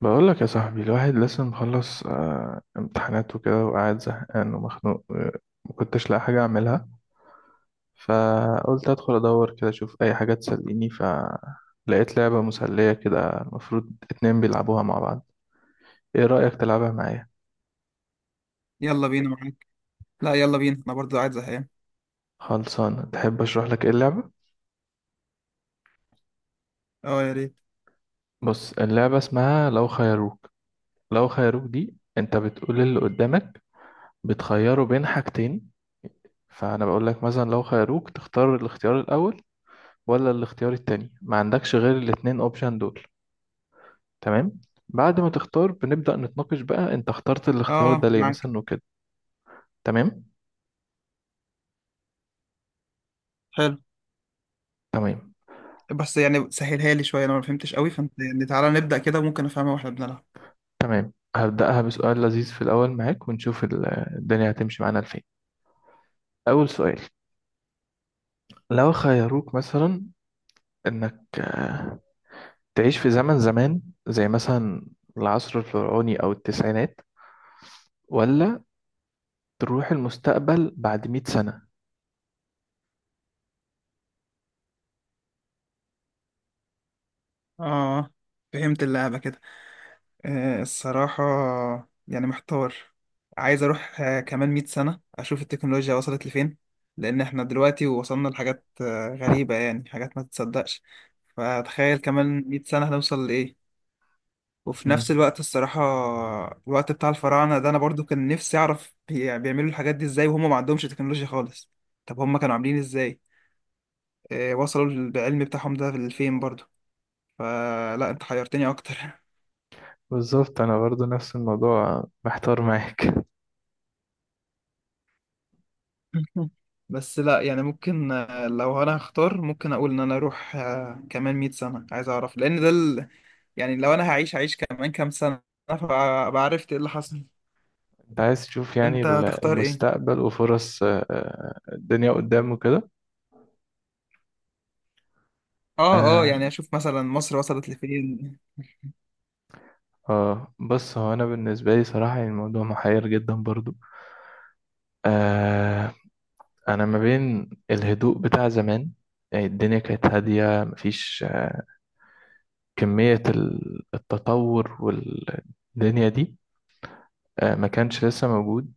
بقول لك يا صاحبي الواحد لسه مخلص امتحانات وكده وقاعد زهقان ومخنوق ما كنتش لاقي حاجة أعملها. فقلت أدخل أدور كده أشوف أي حاجة تسليني، فلقيت لعبة مسلية كده المفروض اتنين بيلعبوها مع بعض. إيه رأيك تلعبها معايا؟ يلا بينا معاك. لا، يلا بينا، انا برضه قاعد زهقان. خلصانة، تحب أشرح لك إيه اللعبة؟ اه، يا ريت. بص، اللعبة اسمها لو خيروك. لو خيروك دي أنت بتقول اللي قدامك، بتخيره بين حاجتين. فأنا بقول لك مثلا لو خيروك تختار الاختيار الأول ولا الاختيار التاني، ما عندكش غير الاتنين اوبشن دول. تمام؟ بعد ما تختار بنبدأ نتناقش بقى، انت اخترت الاختيار ده اه ليه معاك. مثلا وكده. تمام حلو. تمام بس يعني سهلها لي شويه، انا ما فهمتش قوي، فانت يعني تعالى نبدا كده ممكن افهمها واحنا بنلعب. تمام. هبدأها بسؤال لذيذ في الأول معاك، ونشوف الدنيا هتمشي معانا لفين. أول سؤال، لو خيروك مثلا إنك تعيش في زمن زمان، زي مثلا العصر الفرعوني أو التسعينات، ولا تروح المستقبل بعد مئة سنة. اه، فهمت اللعبه كده. آه الصراحه، يعني محتار. عايز اروح كمان 100 سنه اشوف التكنولوجيا وصلت لفين. لان احنا دلوقتي وصلنا لحاجات غريبه، يعني حاجات ما تتصدقش. فتخيل كمان 100 سنه هنوصل لايه. وفي نفس مم. الوقت الصراحة، الوقت بتاع الفراعنة ده أنا برضو كان نفسي أعرف بيعملوا الحاجات دي إزاي وهم ما عندهمش تكنولوجيا خالص. طب هم كانوا عاملين إزاي؟ وصلوا بالعلم بتاعهم ده لفين برضو؟ فلا، أنت حيرتني أكتر. بالظبط، أنا برضو نفس الموضوع محتار معاك. بس لا يعني ممكن، لو أنا هختار ممكن أقول إن أنا أروح كمان 100 سنة. عايز أعرف لأن ده يعني لو أنا هعيش كمان كام سنة فعرفت إيه اللي حصل. انت عايز تشوف يعني أنت هتختار إيه؟ المستقبل وفرص الدنيا قدام وكده. آه يعني أشوف مثلا مصر وصلت لفين. بص، هو أنا بالنسبة لي صراحة يعني الموضوع محير جدا برضو. آه، أنا ما بين الهدوء بتاع زمان، يعني الدنيا كانت هادية، مفيش كمية التطور والدنيا دي آه ما كانش لسه موجود.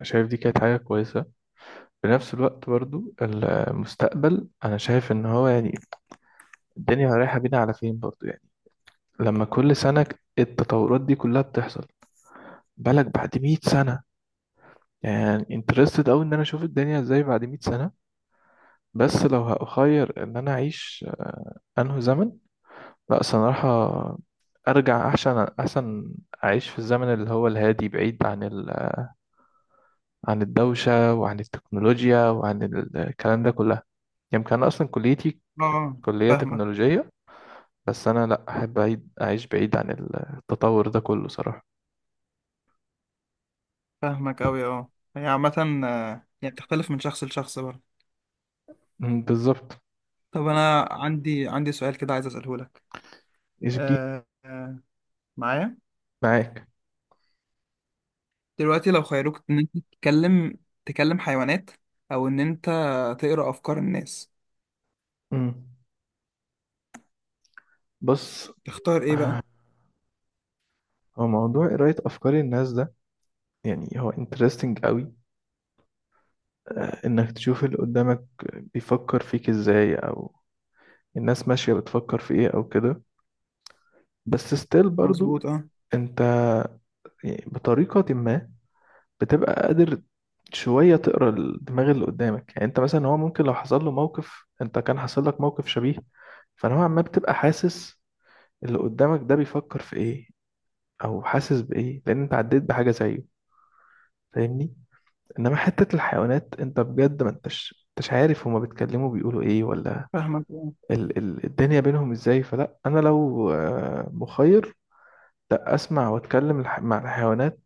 فشايف دي كانت حاجة كويسة. في نفس الوقت برضو المستقبل أنا شايف إن هو يعني الدنيا رايحة بينا على فين برضو يعني. لما كل سنة التطورات دي كلها بتحصل، بالك بعد 100 سنة؟ يعني انترستد أوي إن أنا أشوف الدنيا إزاي بعد 100 سنة. بس لو هأخير إن أنا أعيش أنهي زمن، لأ صراحة أرجع. أحسن أعيش في الزمن اللي هو الهادي، بعيد عن عن الدوشة وعن التكنولوجيا وعن الكلام ده كلها. يمكن أنا أصلا كليتي آه كلية فاهمك تكنولوجية، بس أنا لأ، أحب أعيد أعيش بعيد عن التطور ده كله صراحة. فاهمك أوي أه، هي عامة، يعني بتختلف من شخص لشخص برضه. مم، بالظبط. طب أنا عندي سؤال كده عايز أسأله لك. إيش جي؟ أه، معايا. معاك. دلوقتي لو خيروك إن أنت تكلم حيوانات، أو إن أنت تقرأ أفكار الناس، مم. بص، تختار إيه بقى؟ هو موضوع قراية أفكار الناس ده يعني هو interesting قوي. آه، إنك تشوف اللي قدامك بيفكر فيك إزاي، أو الناس ماشية بتفكر في إيه أو كده. بس ستيل برضو مظبوط أه. أنت يعني بطريقة ما بتبقى قادر شوية تقرا الدماغ اللي قدامك. يعني أنت مثلا هو ممكن لو حصل له موقف أنت كان حصل لك موقف شبيه، فنوعا ما بتبقى حاسس اللي قدامك ده بيفكر في إيه أو حاسس بإيه، لأن أنت عديت بحاجة زيه. فاهمني؟ انما حتة الحيوانات، انت بجد ما انتش عارف هما بيتكلموا بيقولوا ايه، ولا فاهمك أه. ال ال الدنيا بينهم ازاي. فلا، انا لو مخير، لا اسمع واتكلم مع الحيوانات،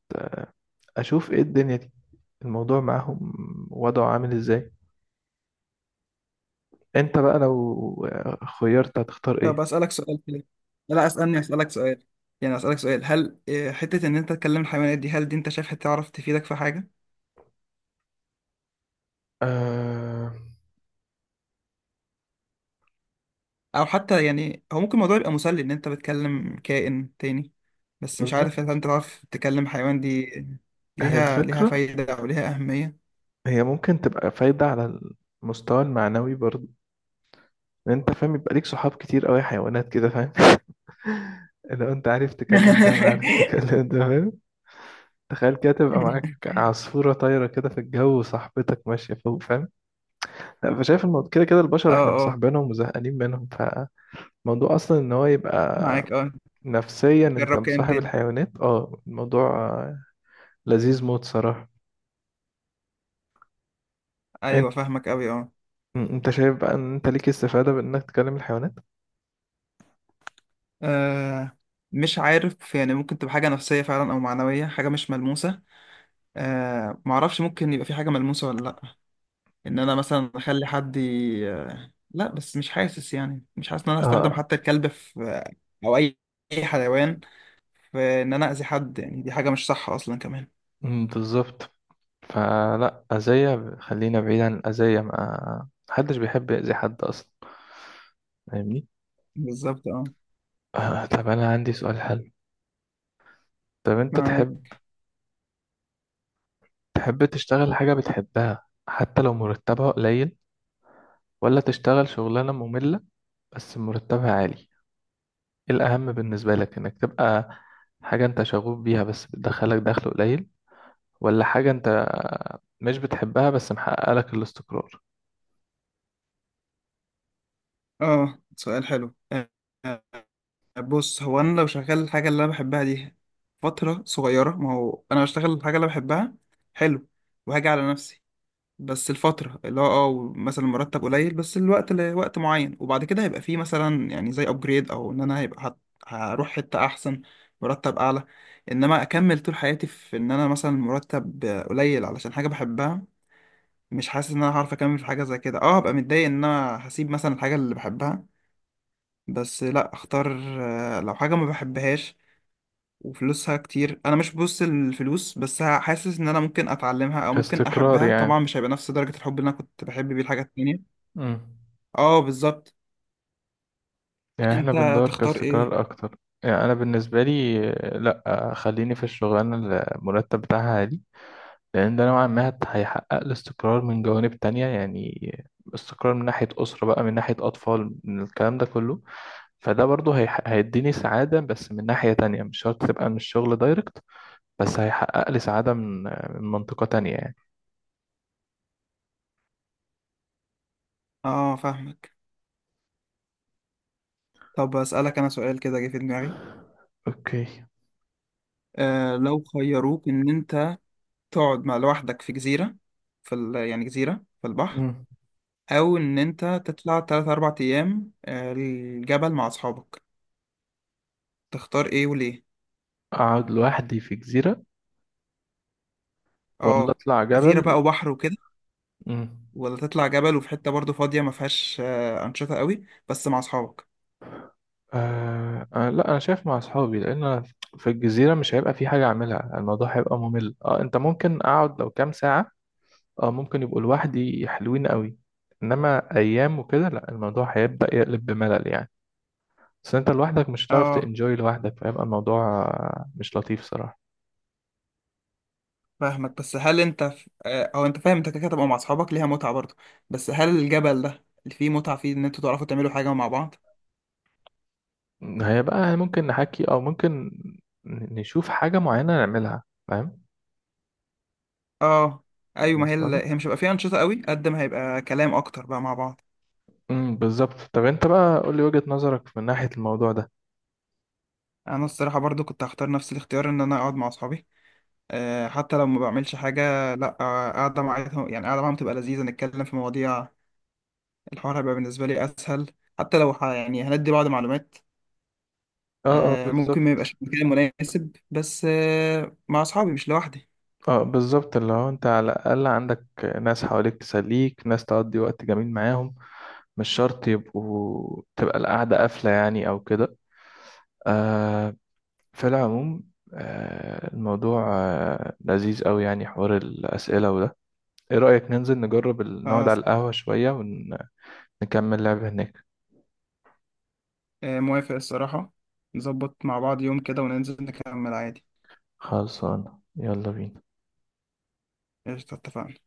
اشوف ايه الدنيا دي، الموضوع معاهم وضعه عامل ازاي. انت بقى لو خيرت هتختار ايه؟ طب أسألك سؤال كده، لا، أسألني أسألك سؤال. يعني أسألك سؤال، هل حتة إن أنت تكلم الحيوانات دي هل دي أنت شايفها تعرف تفيدك في حاجة؟ آه، او حتى يعني هو ممكن الموضوع يبقى مسلي ان انت بتكلم كائن تاني، بس مش عارف بالظبط. اذا انت تعرف تكلم حيوان دي هي ليها الفكرة، فايدة او ليها اهمية. هي ممكن تبقى فايدة على المستوى المعنوي برضه. إن انت فاهم، يبقى ليك صحاب كتير قوي حيوانات كده، فاهم؟ لو انت عارف تكلم ده وعارف تكلم ده، فاهم؟ تخيل كده تبقى معاك عصفورة طايرة كده في الجو وصاحبتك ماشية فوق، فاهم؟ لا، فشايف الموضوع كده كده البشر اه، احنا اه مصاحبينهم وزهقانين منهم، فالموضوع أصلا إن هو يبقى معاك. اه نفسيا أنت جرب كائن مصاحب تاني. الحيوانات، اه الموضوع لذيذ موت صراحة. أنت ايوه فاهمك اوي اه. أنت شايف بقى إن أنت ليك استفادة بإنك تكلم الحيوانات؟ آه، مش عارف، يعني ممكن تبقى حاجة نفسية فعلا، او معنوية، حاجة مش ملموسة. آه معرفش، ممكن يبقى في حاجة ملموسة ولا لأ. إن أنا مثلا أخلي حد ي... آه، لأ، بس مش حاسس، يعني مش حاسس إن أنا هستخدم اه. حتى الكلب في، او اي أي حيوان. فان انا اذي حد، يعني دي حاجه مش صح اصلا كمان. أمم، بالظبط. فلا، أذية خلينا بعيد عن الأذية، ما محدش بيحب يأذي حد أصلا. فاهمني. بالظبط اه. آه، طب أنا عندي سؤال حلو. طب أنت معاك تحب تشتغل حاجة بتحبها حتى لو مرتبها قليل، ولا تشتغل شغلانة مملة بس مرتبها عالي؟ ايه الأهم بالنسبة لك، انك تبقى حاجة انت شغوف بيها بس بتدخلك دخل قليل، ولا حاجة انت مش بتحبها بس محقق لك الاستقرار؟ اه. سؤال حلو، آه، بص هو انا لو شغال الحاجه اللي انا بحبها دي فتره صغيره، ما هو انا بشتغل الحاجه اللي أنا بحبها. حلو وهاجي على نفسي. بس الفترة اللي هو اه مثلا المرتب قليل، بس الوقت لوقت معين، وبعد كده هيبقى فيه مثلا يعني زي ابجريد، او ان انا هيبقى هروح حتة احسن، مرتب اعلى. انما اكمل طول حياتي في ان انا مثلا مرتب قليل علشان حاجة بحبها، مش حاسس ان انا هعرف اكمل في حاجة زي كده. اه هبقى متضايق ان انا هسيب مثلا الحاجة اللي بحبها. بس لا، اختار لو حاجة ما بحبهاش وفلوسها كتير. انا مش ببص الفلوس، بس حاسس ان انا ممكن اتعلمها او ممكن كاستقرار احبها. طبعا يعني. مش هيبقى نفس درجة الحب اللي انا كنت بحب بيه الحاجة التانية. امم. اه بالظبط. يعني احنا انت بندور تختار ايه؟ كاستقرار اكتر. يعني انا بالنسبة لي لا آه،، خليني في الشغلانة اللي المرتب بتاعها عالي، لأن ده نوعا ما هيحقق الاستقرار من جوانب تانية يعني. استقرار من ناحية أسرة بقى، من ناحية أطفال، من الكلام ده كله. فده برضه هيديني سعادة، بس من ناحية تانية مش شرط تبقى من الشغل دايركت، بس هيحقق لي سعادة من من منطقة تانية يعني. اه فاهمك. طب اسألك انا سؤال كده جه في دماغي. أوكي. آه لو خيروك ان انت تقعد لوحدك في جزيرة، يعني جزيرة في البحر، مم. او ان انت تطلع 3 4 ايام الجبل مع اصحابك، تختار ايه وليه؟ أقعد لوحدي في جزيرة، ولا اه أطلع جزيرة جبل؟ بقى وبحر وكده، مم. ولا تطلع جبل وفي حتة برضو فاضية ما فيهاش أنشطة قوي، بس مع أصحابك؟ لا، أنا شايف مع أصحابي. لأن أنا في الجزيرة مش هيبقى في حاجة أعملها، الموضوع هيبقى ممل. أه، أنت ممكن أقعد لو كام ساعة، اه ممكن يبقوا لوحدي حلوين قوي، انما ايام وكده لا، الموضوع هيبدأ يقلب بملل يعني. بس انت لوحدك مش هتعرف اه تنجوي لوحدك، فيبقى الموضوع مش لطيف صراحة. فاهمك. بس هل أنت ف... آه، أو أنت فاهم أنت كده كده تبقى مع أصحابك ليها متعة برضو، بس هل الجبل ده اللي فيه متعة فيه إن أنتوا تعرفوا تعملوا حاجة مع بعض؟ هيبقى ممكن نحكي، او ممكن نشوف حاجة معينة نعملها، فاهم؟ اه. أيوة، ما هي ال... مثلا. هي مش هيبقى فيها أنشطة قوي قد ما هيبقى كلام أكتر بقى مع بعض. امم، بالظبط. طب انت بقى قول لي وجهة نظرك من ناحية الموضوع ده. أنا الصراحة برضو كنت هختار نفس الاختيار، إن أنا أقعد مع أصحابي. حتى لو ما بعملش حاجة لأ، قاعدة معاهم، يعني قاعدة معاهم تبقى لذيذة نتكلم في مواضيع. الحوار هيبقى بالنسبة لي أسهل، حتى لو يعني هندي بعض معلومات. اه. اه ممكن بالظبط. ما يبقاش مكان مناسب، بس مع أصحابي مش لوحدي. اه بالظبط. اللي هو انت على الاقل عندك ناس حواليك تسليك، ناس تقضي وقت جميل معاهم، مش شرط يبقوا تبقى القعدة قافلة يعني أو كده. آه. في العموم، آه الموضوع آه لذيذ أوي يعني حوار الأسئلة وده. إيه رأيك ننزل نجرب نقعد على خلاص. القهوة شوية ونكمل لعب هناك؟ موافق الصراحة. نظبط مع بعض يوم كده وننزل نكمل عادي. خلصانة، يلا بينا. قشطة، اتفقنا.